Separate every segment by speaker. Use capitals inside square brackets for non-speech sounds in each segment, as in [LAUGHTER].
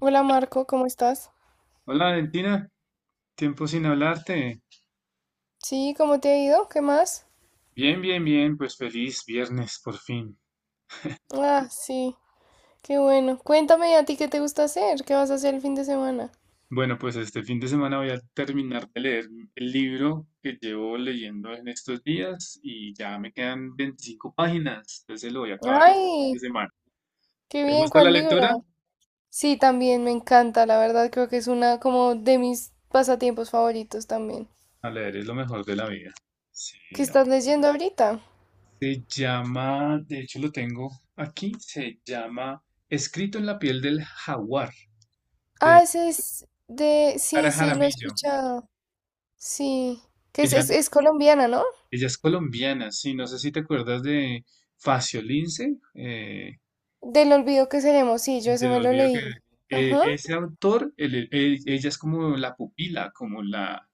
Speaker 1: Hola Marco, ¿cómo estás?
Speaker 2: Hola Valentina, tiempo sin hablarte.
Speaker 1: Sí, ¿cómo te ha ido? ¿Qué más?
Speaker 2: Bien, bien, bien, pues feliz viernes por fin.
Speaker 1: Ah, sí, qué bueno. Cuéntame a ti qué te gusta hacer, qué vas a hacer el fin de semana.
Speaker 2: Bueno, pues este fin de semana voy a terminar de leer el libro que llevo leyendo en estos días y ya me quedan 25 páginas, entonces lo voy a acabar este fin
Speaker 1: Ay,
Speaker 2: de semana.
Speaker 1: qué
Speaker 2: ¿Te
Speaker 1: bien,
Speaker 2: gusta la
Speaker 1: ¿cuál
Speaker 2: lectura?
Speaker 1: libro? Sí, también me encanta, la verdad creo que es una como de mis pasatiempos favoritos también.
Speaker 2: A leer es lo mejor de la vida. Sí,
Speaker 1: ¿Qué
Speaker 2: no.
Speaker 1: estás leyendo ahorita?
Speaker 2: Se llama, de hecho lo tengo aquí, se llama Escrito en la piel del jaguar de
Speaker 1: Ah, ese es de.
Speaker 2: Sara
Speaker 1: Sí, sí, lo he
Speaker 2: Jaramillo.
Speaker 1: escuchado. Sí, que es,
Speaker 2: Ella
Speaker 1: es, es colombiana, ¿no?
Speaker 2: Ella es colombiana, sí, no sé si te acuerdas de Facio Lince. Eh,
Speaker 1: Del olvido que seremos, sí, yo
Speaker 2: el
Speaker 1: ese
Speaker 2: del
Speaker 1: me lo
Speaker 2: olvido
Speaker 1: leí.
Speaker 2: que
Speaker 1: Ajá.
Speaker 2: Ese autor, ella es como la pupila, como la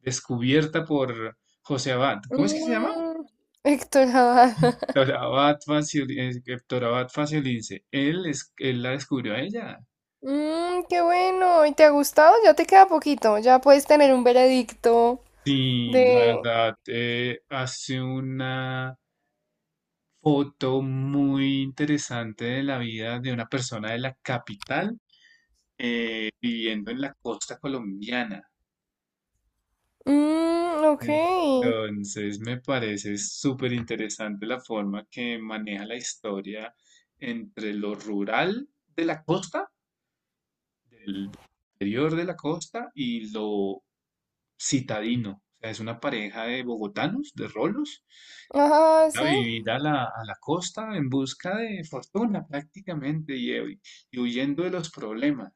Speaker 2: descubierta por José Abad. ¿Cómo es que se llama?
Speaker 1: Mm, Héctor Abad. [LAUGHS]
Speaker 2: Doctor Abad Facio Lince. Él la descubrió a ella.
Speaker 1: Qué bueno. ¿Y te ha gustado? Ya te queda poquito. Ya puedes tener un veredicto
Speaker 2: Sí, la
Speaker 1: de.
Speaker 2: verdad, hace una foto muy interesante de la vida de una persona de la capital, viviendo en la costa colombiana.
Speaker 1: Mmm, ok.
Speaker 2: Entonces me parece súper interesante la forma que maneja la historia entre lo rural de la costa, del interior de la costa, y lo citadino. O sea, es una pareja de bogotanos, de rolos,
Speaker 1: Ajá,
Speaker 2: a
Speaker 1: sí.
Speaker 2: vivir a la costa en busca de fortuna prácticamente, y huyendo de los problemas.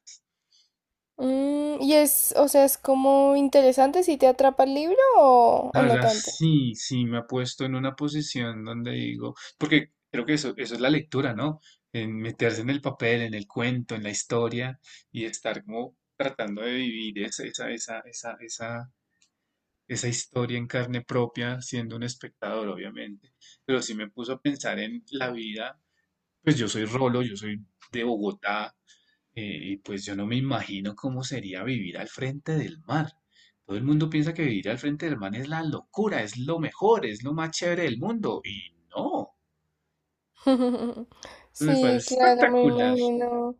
Speaker 1: Y es, o sea, es como interesante si te atrapa el libro o,
Speaker 2: La
Speaker 1: o no
Speaker 2: verdad,
Speaker 1: tanto.
Speaker 2: sí, sí, me ha puesto en una posición donde digo, porque creo que eso es la lectura, ¿no? En meterse en el papel, en el cuento, en la historia, y estar como tratando de vivir esa historia en carne propia, siendo un espectador, obviamente. Pero sí me puso a pensar en la vida, pues yo soy Rolo, yo soy de Bogotá, y pues yo no me imagino cómo sería vivir al frente del mar. Todo el mundo piensa que vivir al frente del mar es la locura, es lo mejor, es lo más chévere del mundo. Y no,
Speaker 1: [LAUGHS]
Speaker 2: me
Speaker 1: Sí,
Speaker 2: parece
Speaker 1: claro, me
Speaker 2: espectacular.
Speaker 1: imagino.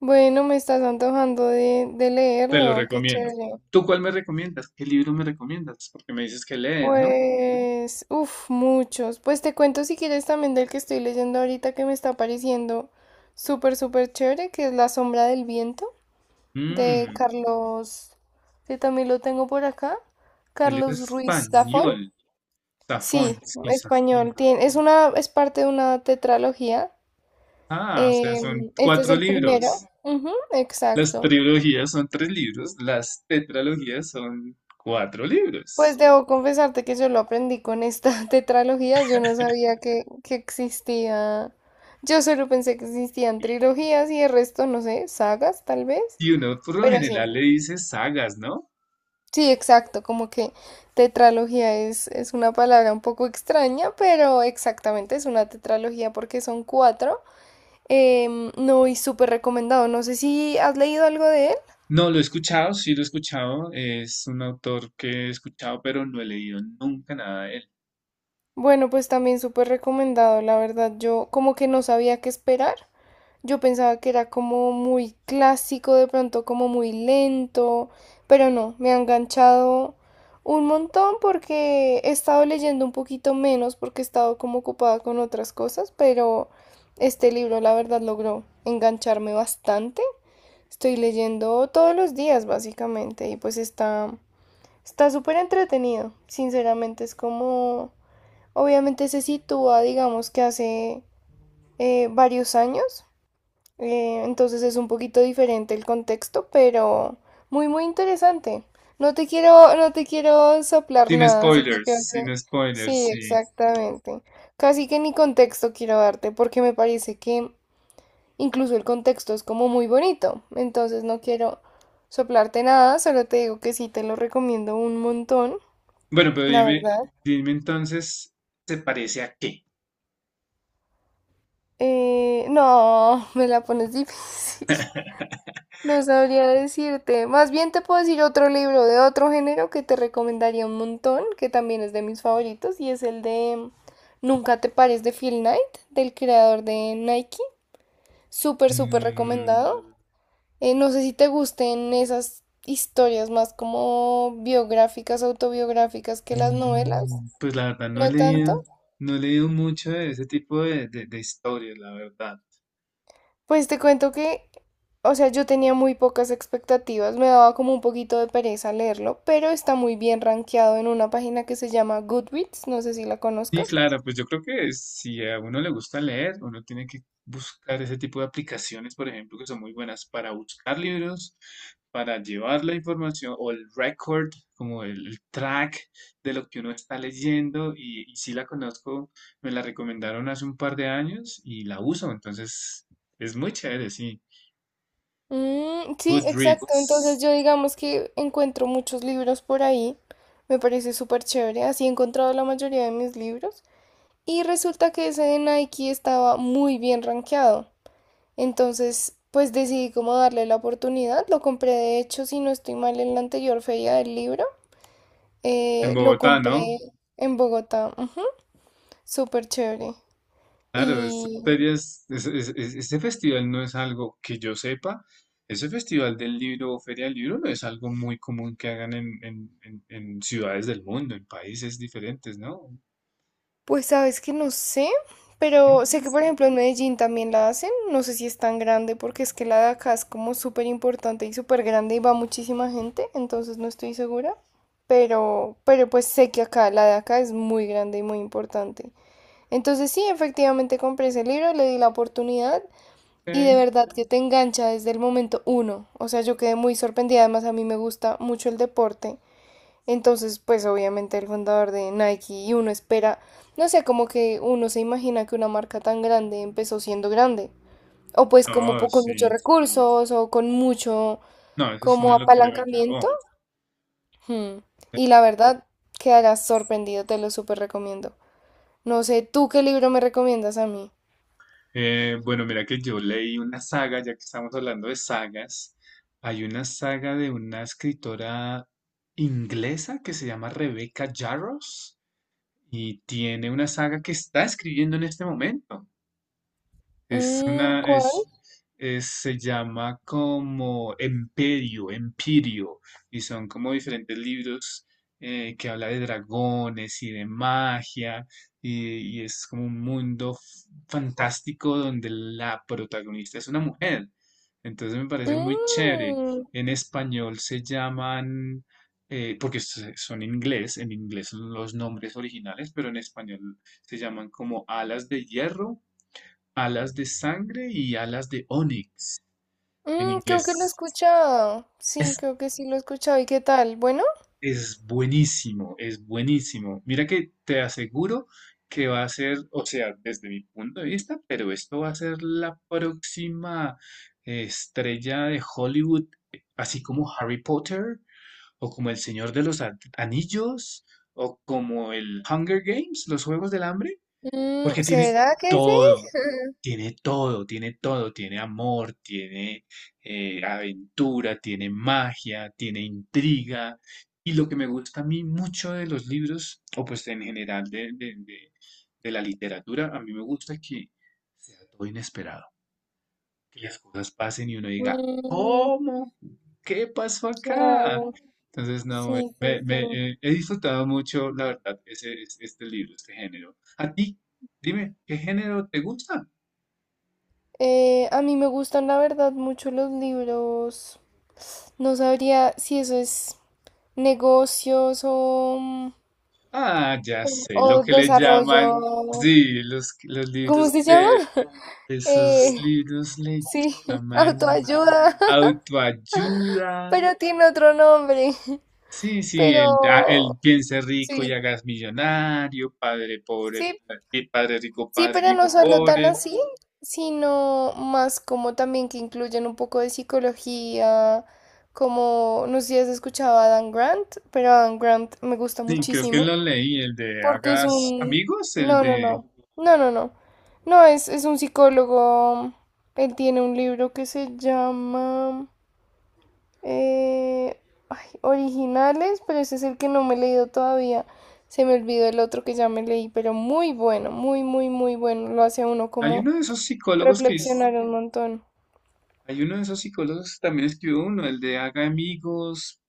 Speaker 1: Bueno, me estás antojando de
Speaker 2: Te lo
Speaker 1: leerlo. Qué
Speaker 2: recomiendo.
Speaker 1: chévere.
Speaker 2: ¿Tú cuál me recomiendas? ¿Qué libro me recomiendas? Porque me dices que lees, ¿no?
Speaker 1: Pues, uff, muchos. Pues te cuento si quieres también del que estoy leyendo ahorita que me está pareciendo súper, súper chévere, que es La sombra del viento de
Speaker 2: Mmm,
Speaker 1: Carlos, que también lo tengo por acá,
Speaker 2: Él es
Speaker 1: Carlos Ruiz Zafón.
Speaker 2: español. Safón,
Speaker 1: Sí,
Speaker 2: sí,
Speaker 1: español.
Speaker 2: Safón.
Speaker 1: Tiene, es parte de una tetralogía.
Speaker 2: Ah, o sea, son
Speaker 1: Este es
Speaker 2: cuatro
Speaker 1: el primero.
Speaker 2: libros.
Speaker 1: Ujú,
Speaker 2: Las
Speaker 1: exacto.
Speaker 2: trilogías son tres libros, las tetralogías son cuatro
Speaker 1: Pues
Speaker 2: libros.
Speaker 1: debo confesarte que yo lo aprendí con esta [LAUGHS] tetralogía, yo no sabía que existía, yo solo pensé que existían trilogías y el resto, no sé, sagas tal vez,
Speaker 2: Y uno por lo
Speaker 1: pero sí,
Speaker 2: general le dice sagas, ¿no?
Speaker 1: sí, exacto, como que tetralogía es una palabra un poco extraña, pero exactamente es una tetralogía porque son cuatro. No, y súper recomendado, no sé si has leído algo de él.
Speaker 2: No, lo he escuchado, sí lo he escuchado. Es un autor que he escuchado, pero no he leído nunca nada de él.
Speaker 1: Bueno, pues también súper recomendado, la verdad, yo como que no sabía qué esperar. Yo pensaba que era como muy clásico, de pronto como muy lento, pero no, me ha enganchado un montón porque he estado leyendo un poquito menos porque he estado como ocupada con otras cosas, pero este libro la verdad logró engancharme bastante. Estoy leyendo todos los días básicamente y pues está súper entretenido, sinceramente es como obviamente se sitúa digamos que hace varios años, entonces es un poquito diferente el contexto, pero muy, muy interesante. No te quiero soplar
Speaker 2: Sin
Speaker 1: nada, así que
Speaker 2: spoilers,
Speaker 1: creo que
Speaker 2: sin spoilers,
Speaker 1: sí,
Speaker 2: sí.
Speaker 1: exactamente. Casi que ni contexto quiero darte, porque me parece que incluso el contexto es como muy bonito. Entonces no quiero soplarte nada, solo te digo que sí te lo recomiendo un montón,
Speaker 2: Bueno, pero
Speaker 1: la
Speaker 2: dime,
Speaker 1: verdad.
Speaker 2: dime entonces, ¿se parece a qué?
Speaker 1: No, [LAUGHS] me la pones difícil. [LAUGHS] No sabría decirte. Más bien te puedo decir otro libro de otro género que te recomendaría un montón, que también es de mis favoritos, y es el de Nunca te pares de Phil Knight, del creador de Nike. Súper, súper
Speaker 2: Mm,
Speaker 1: recomendado. No sé si te gusten esas historias más como biográficas, autobiográficas que las novelas.
Speaker 2: pues la verdad no he
Speaker 1: No
Speaker 2: leído,
Speaker 1: tanto.
Speaker 2: no he leído mucho de ese tipo de historias, la verdad.
Speaker 1: Pues te cuento que, o sea, yo tenía muy pocas expectativas, me daba como un poquito de pereza leerlo, pero está muy bien rankeado en una página que se llama Goodreads, no sé si la
Speaker 2: Sí,
Speaker 1: conozcas.
Speaker 2: claro, pues yo creo que si a uno le gusta leer, uno tiene que buscar ese tipo de aplicaciones, por ejemplo, que son muy buenas para buscar libros, para llevar la información o el record, como el track de lo que uno está leyendo. Y sí la conozco, me la recomendaron hace un par de años y la uso, entonces es muy chévere, sí.
Speaker 1: Mm, sí, exacto. Entonces
Speaker 2: Goodreads,
Speaker 1: yo digamos que encuentro muchos libros por ahí. Me parece súper chévere. Así he encontrado la mayoría de mis libros. Y resulta que ese de Nike estaba muy bien rankeado. Entonces, pues decidí como darle la oportunidad. Lo compré de hecho, si no estoy mal, en la anterior feria del libro.
Speaker 2: en
Speaker 1: Lo
Speaker 2: Bogotá, ¿no?
Speaker 1: compré en Bogotá, ujú. Súper chévere.
Speaker 2: Claro, estas
Speaker 1: Y
Speaker 2: ferias, este festival no es algo que yo sepa. Ese festival del libro o feria del libro no es algo muy común que hagan en, en ciudades del mundo, en países diferentes, ¿no?
Speaker 1: pues sabes que no sé, pero sé
Speaker 2: Mm,
Speaker 1: que por ejemplo en Medellín también la hacen, no sé si es tan grande porque es que la de acá es como súper importante y súper grande y va muchísima gente, entonces no estoy segura, pero pues sé que acá, la de acá es muy grande y muy importante. Entonces sí, efectivamente compré ese libro, le di la oportunidad. Y
Speaker 2: ok.
Speaker 1: de verdad que te engancha desde el momento uno. O sea, yo quedé muy sorprendida. Además, a mí me gusta mucho el deporte. Entonces, pues obviamente el fundador de Nike y uno espera, no sé, como que uno se imagina que una marca tan grande empezó siendo grande. O pues como
Speaker 2: No,
Speaker 1: con muchos
Speaker 2: sí.
Speaker 1: recursos o con mucho
Speaker 2: No, eso sí
Speaker 1: como
Speaker 2: no lo creo
Speaker 1: apalancamiento.
Speaker 2: yo.
Speaker 1: Hmm. Y la verdad, quedarás sorprendido, te lo súper recomiendo. No sé, ¿tú qué libro me recomiendas a mí?
Speaker 2: Bueno, mira que yo leí una saga, ya que estamos hablando de sagas. Hay una saga de una escritora inglesa que se llama Rebecca Yarros, y tiene una saga que está escribiendo en este momento. Es
Speaker 1: Mm,
Speaker 2: una,
Speaker 1: ¿cuál?
Speaker 2: es- Se llama como Emperio, Empirio, y son como diferentes libros, que habla de dragones y de magia, y es como un mundo fantástico donde la protagonista es una mujer. Entonces me parece muy chévere.
Speaker 1: Mm.
Speaker 2: En español se llaman, porque son en inglés, son los nombres originales, pero en español se llaman como Alas de Hierro, Alas de Sangre y Alas de Onix en
Speaker 1: Mm, creo que lo he
Speaker 2: inglés.
Speaker 1: escuchado. Sí,
Speaker 2: Es,
Speaker 1: creo que sí lo he escuchado. ¿Y qué tal? ¿Bueno?
Speaker 2: es buenísimo, es buenísimo. Mira que te aseguro que va a ser, o sea, desde mi punto de vista, pero esto va a ser la próxima, estrella de Hollywood, así como Harry Potter, o como El Señor de los Anillos, o como el Hunger Games, los Juegos del Hambre,
Speaker 1: Mm,
Speaker 2: porque tiene
Speaker 1: ¿será que sí?
Speaker 2: todo.
Speaker 1: [LAUGHS]
Speaker 2: Tiene todo, tiene todo, tiene amor, tiene, aventura, tiene magia, tiene intriga. Y lo que me gusta a mí mucho de los libros, o pues en general de la literatura, a mí me gusta que sea todo inesperado, que las cosas pasen y uno diga,
Speaker 1: Mm,
Speaker 2: ¿cómo? ¿Qué pasó acá?
Speaker 1: claro.
Speaker 2: Entonces, no,
Speaker 1: Sí, sí, sí.
Speaker 2: he disfrutado mucho, la verdad, este libro, este género. ¿A ti? Dime, ¿qué género te gusta?
Speaker 1: A mí me gustan, la verdad, mucho los libros. No sabría si eso es negocios o, mm,
Speaker 2: Ah, ya sé, lo
Speaker 1: o
Speaker 2: que le llaman,
Speaker 1: desarrollo.
Speaker 2: sí, los libros
Speaker 1: ¿Cómo se llama?
Speaker 2: de esos
Speaker 1: Eh,
Speaker 2: libros le
Speaker 1: sí, [LAUGHS]
Speaker 2: llaman
Speaker 1: autoayuda, [LAUGHS]
Speaker 2: autoayuda.
Speaker 1: pero tiene otro nombre.
Speaker 2: Sí, sí, el
Speaker 1: Pero
Speaker 2: piense rico y
Speaker 1: sí,
Speaker 2: hagas millonario, padre pobre,
Speaker 1: sí,
Speaker 2: padre rico,
Speaker 1: sí,
Speaker 2: padre
Speaker 1: pero no
Speaker 2: hijo
Speaker 1: solo tan
Speaker 2: pobre.
Speaker 1: así, sino más como también que incluyen un poco de psicología, como no sé si has escuchado a Dan Grant, pero Dan Grant me gusta
Speaker 2: Sí, creo que lo
Speaker 1: muchísimo
Speaker 2: leí, el de
Speaker 1: porque es
Speaker 2: hagas
Speaker 1: un.
Speaker 2: amigos, el
Speaker 1: No, no,
Speaker 2: de...
Speaker 1: no, no, no, no, no, es un psicólogo, él tiene un libro que se llama, eh, ay, Originales, pero ese es el que no me he leído todavía. Se me olvidó el otro que ya me leí, pero muy bueno, muy, muy, muy bueno. Lo hace a uno
Speaker 2: Hay
Speaker 1: como
Speaker 2: uno de esos psicólogos que... es-
Speaker 1: reflexionar un montón.
Speaker 2: Hay uno de esos psicólogos que también escribió uno, el de haga amigos,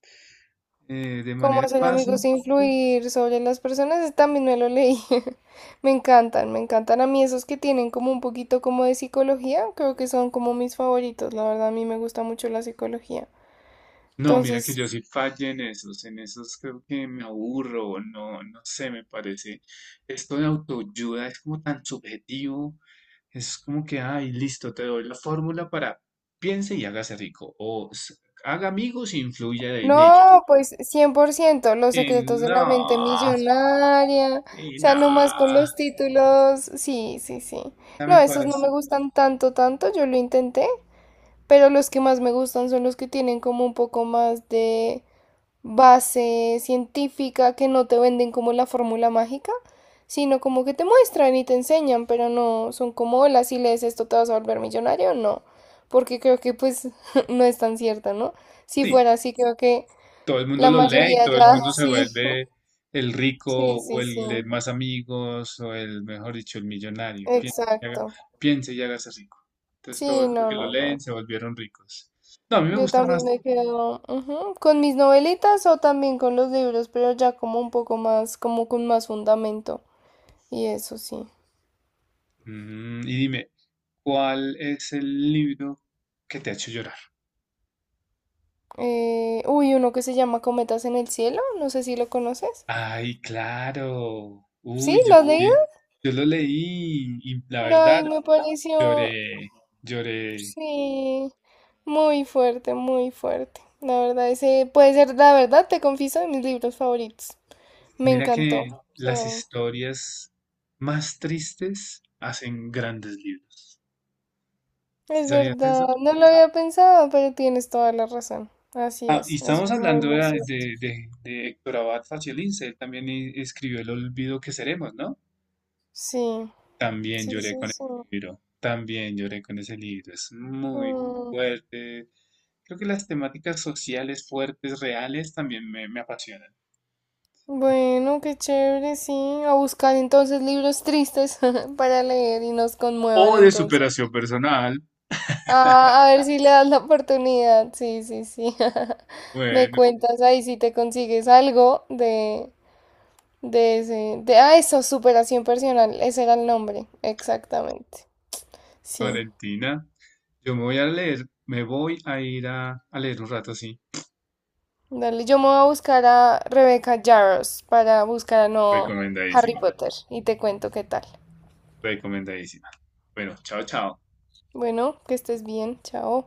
Speaker 2: de
Speaker 1: ¿Cómo
Speaker 2: manera
Speaker 1: hacer
Speaker 2: fácil.
Speaker 1: amigos e influir sobre las personas? Ese también me lo leí. [LAUGHS] Me encantan a mí esos que tienen como un poquito como de psicología. Creo que son como mis favoritos. La verdad, a mí me gusta mucho la psicología.
Speaker 2: No, mira que
Speaker 1: Entonces,
Speaker 2: yo sí fallé en esos, creo que me aburro, no, no sé, me parece. Esto de autoayuda es como tan subjetivo, es como que, ay, listo, te doy la fórmula para piense y hágase rico, haga amigos e influya en ellos.
Speaker 1: no, pues 100%, los
Speaker 2: Eh,
Speaker 1: secretos de la
Speaker 2: no,
Speaker 1: mente millonaria. O
Speaker 2: sí, no,
Speaker 1: sea, nomás con los títulos. Sí, sí, sí.
Speaker 2: ya me
Speaker 1: No, esos no
Speaker 2: parece.
Speaker 1: me gustan tanto, tanto. Yo lo intenté, pero los que más me gustan son los que tienen como un poco más de base científica que no te venden como la fórmula mágica, sino como que te muestran y te enseñan, pero no son como, hola, si lees esto te vas a volver millonario, no, porque creo que pues [LAUGHS] no es tan cierta, ¿no? Si
Speaker 2: Sí.
Speaker 1: fuera así, creo que
Speaker 2: Todo el mundo
Speaker 1: la
Speaker 2: lo lee y
Speaker 1: mayoría
Speaker 2: todo el
Speaker 1: ya, [LAUGHS]
Speaker 2: mundo se
Speaker 1: sí,
Speaker 2: vuelve el rico
Speaker 1: sí,
Speaker 2: o
Speaker 1: sí, sí,
Speaker 2: el de más amigos o el, mejor dicho, el millonario. Piense y haga-
Speaker 1: exacto.
Speaker 2: piense y hágase rico. Entonces todos
Speaker 1: Sí,
Speaker 2: los
Speaker 1: no,
Speaker 2: que lo
Speaker 1: no,
Speaker 2: leen
Speaker 1: no.
Speaker 2: se volvieron ricos. No, a mí me
Speaker 1: Yo
Speaker 2: gusta
Speaker 1: también
Speaker 2: más.
Speaker 1: me quedo ujú, con mis novelitas o también con los libros, pero ya como un poco más, como con más fundamento. Y eso sí.
Speaker 2: Y dime, ¿cuál es el libro que te ha hecho llorar?
Speaker 1: Uy, uno que se llama Cometas en el Cielo, no sé si lo conoces.
Speaker 2: Ay, claro.
Speaker 1: ¿Sí?
Speaker 2: Uy, yo
Speaker 1: ¿Lo has leído?
Speaker 2: también. Yo lo leí y la
Speaker 1: Ay,
Speaker 2: verdad,
Speaker 1: me pareció,
Speaker 2: lloré, lloré.
Speaker 1: sí, muy fuerte, muy fuerte. La verdad, ese puede ser, la verdad, te confieso, de mis libros favoritos. Me
Speaker 2: Mira
Speaker 1: encantó.
Speaker 2: que
Speaker 1: O sea,
Speaker 2: las historias más tristes hacen grandes libros. ¿Sí
Speaker 1: es
Speaker 2: sabías
Speaker 1: verdad,
Speaker 2: eso?
Speaker 1: no lo había pensado, pero tienes toda la razón. Así
Speaker 2: Ah, y
Speaker 1: es, eso
Speaker 2: estamos
Speaker 1: es muy,
Speaker 2: hablando
Speaker 1: muy cierto.
Speaker 2: de Héctor Abad Faciolince. Él también escribió El olvido que seremos, ¿no?
Speaker 1: Sí,
Speaker 2: También
Speaker 1: sí,
Speaker 2: lloré
Speaker 1: sí,
Speaker 2: con
Speaker 1: sí.
Speaker 2: ese libro. También lloré con ese libro. Es muy
Speaker 1: Mm.
Speaker 2: fuerte. Creo que las temáticas sociales fuertes, reales, también me apasionan.
Speaker 1: Bueno, qué chévere, sí. A buscar entonces libros tristes [LAUGHS] para leer y nos
Speaker 2: O
Speaker 1: conmuevan
Speaker 2: de
Speaker 1: entonces.
Speaker 2: superación personal.
Speaker 1: Ah, a ver si le das la oportunidad. Sí, sí, sí. [LAUGHS] Me
Speaker 2: Bueno,
Speaker 1: cuentas ahí si te consigues algo de ese. De, ah, eso, superación personal. Ese era el nombre. Exactamente. Sí.
Speaker 2: Valentina, yo me voy a leer, me voy a ir a leer un rato, sí.
Speaker 1: Dale, yo me voy a buscar a Rebecca Yarros para buscar a no Harry
Speaker 2: Recomendadísima,
Speaker 1: Potter y te cuento qué tal.
Speaker 2: recomendadísima. Bueno, chao, chao.
Speaker 1: Bueno, que estés bien. Chao.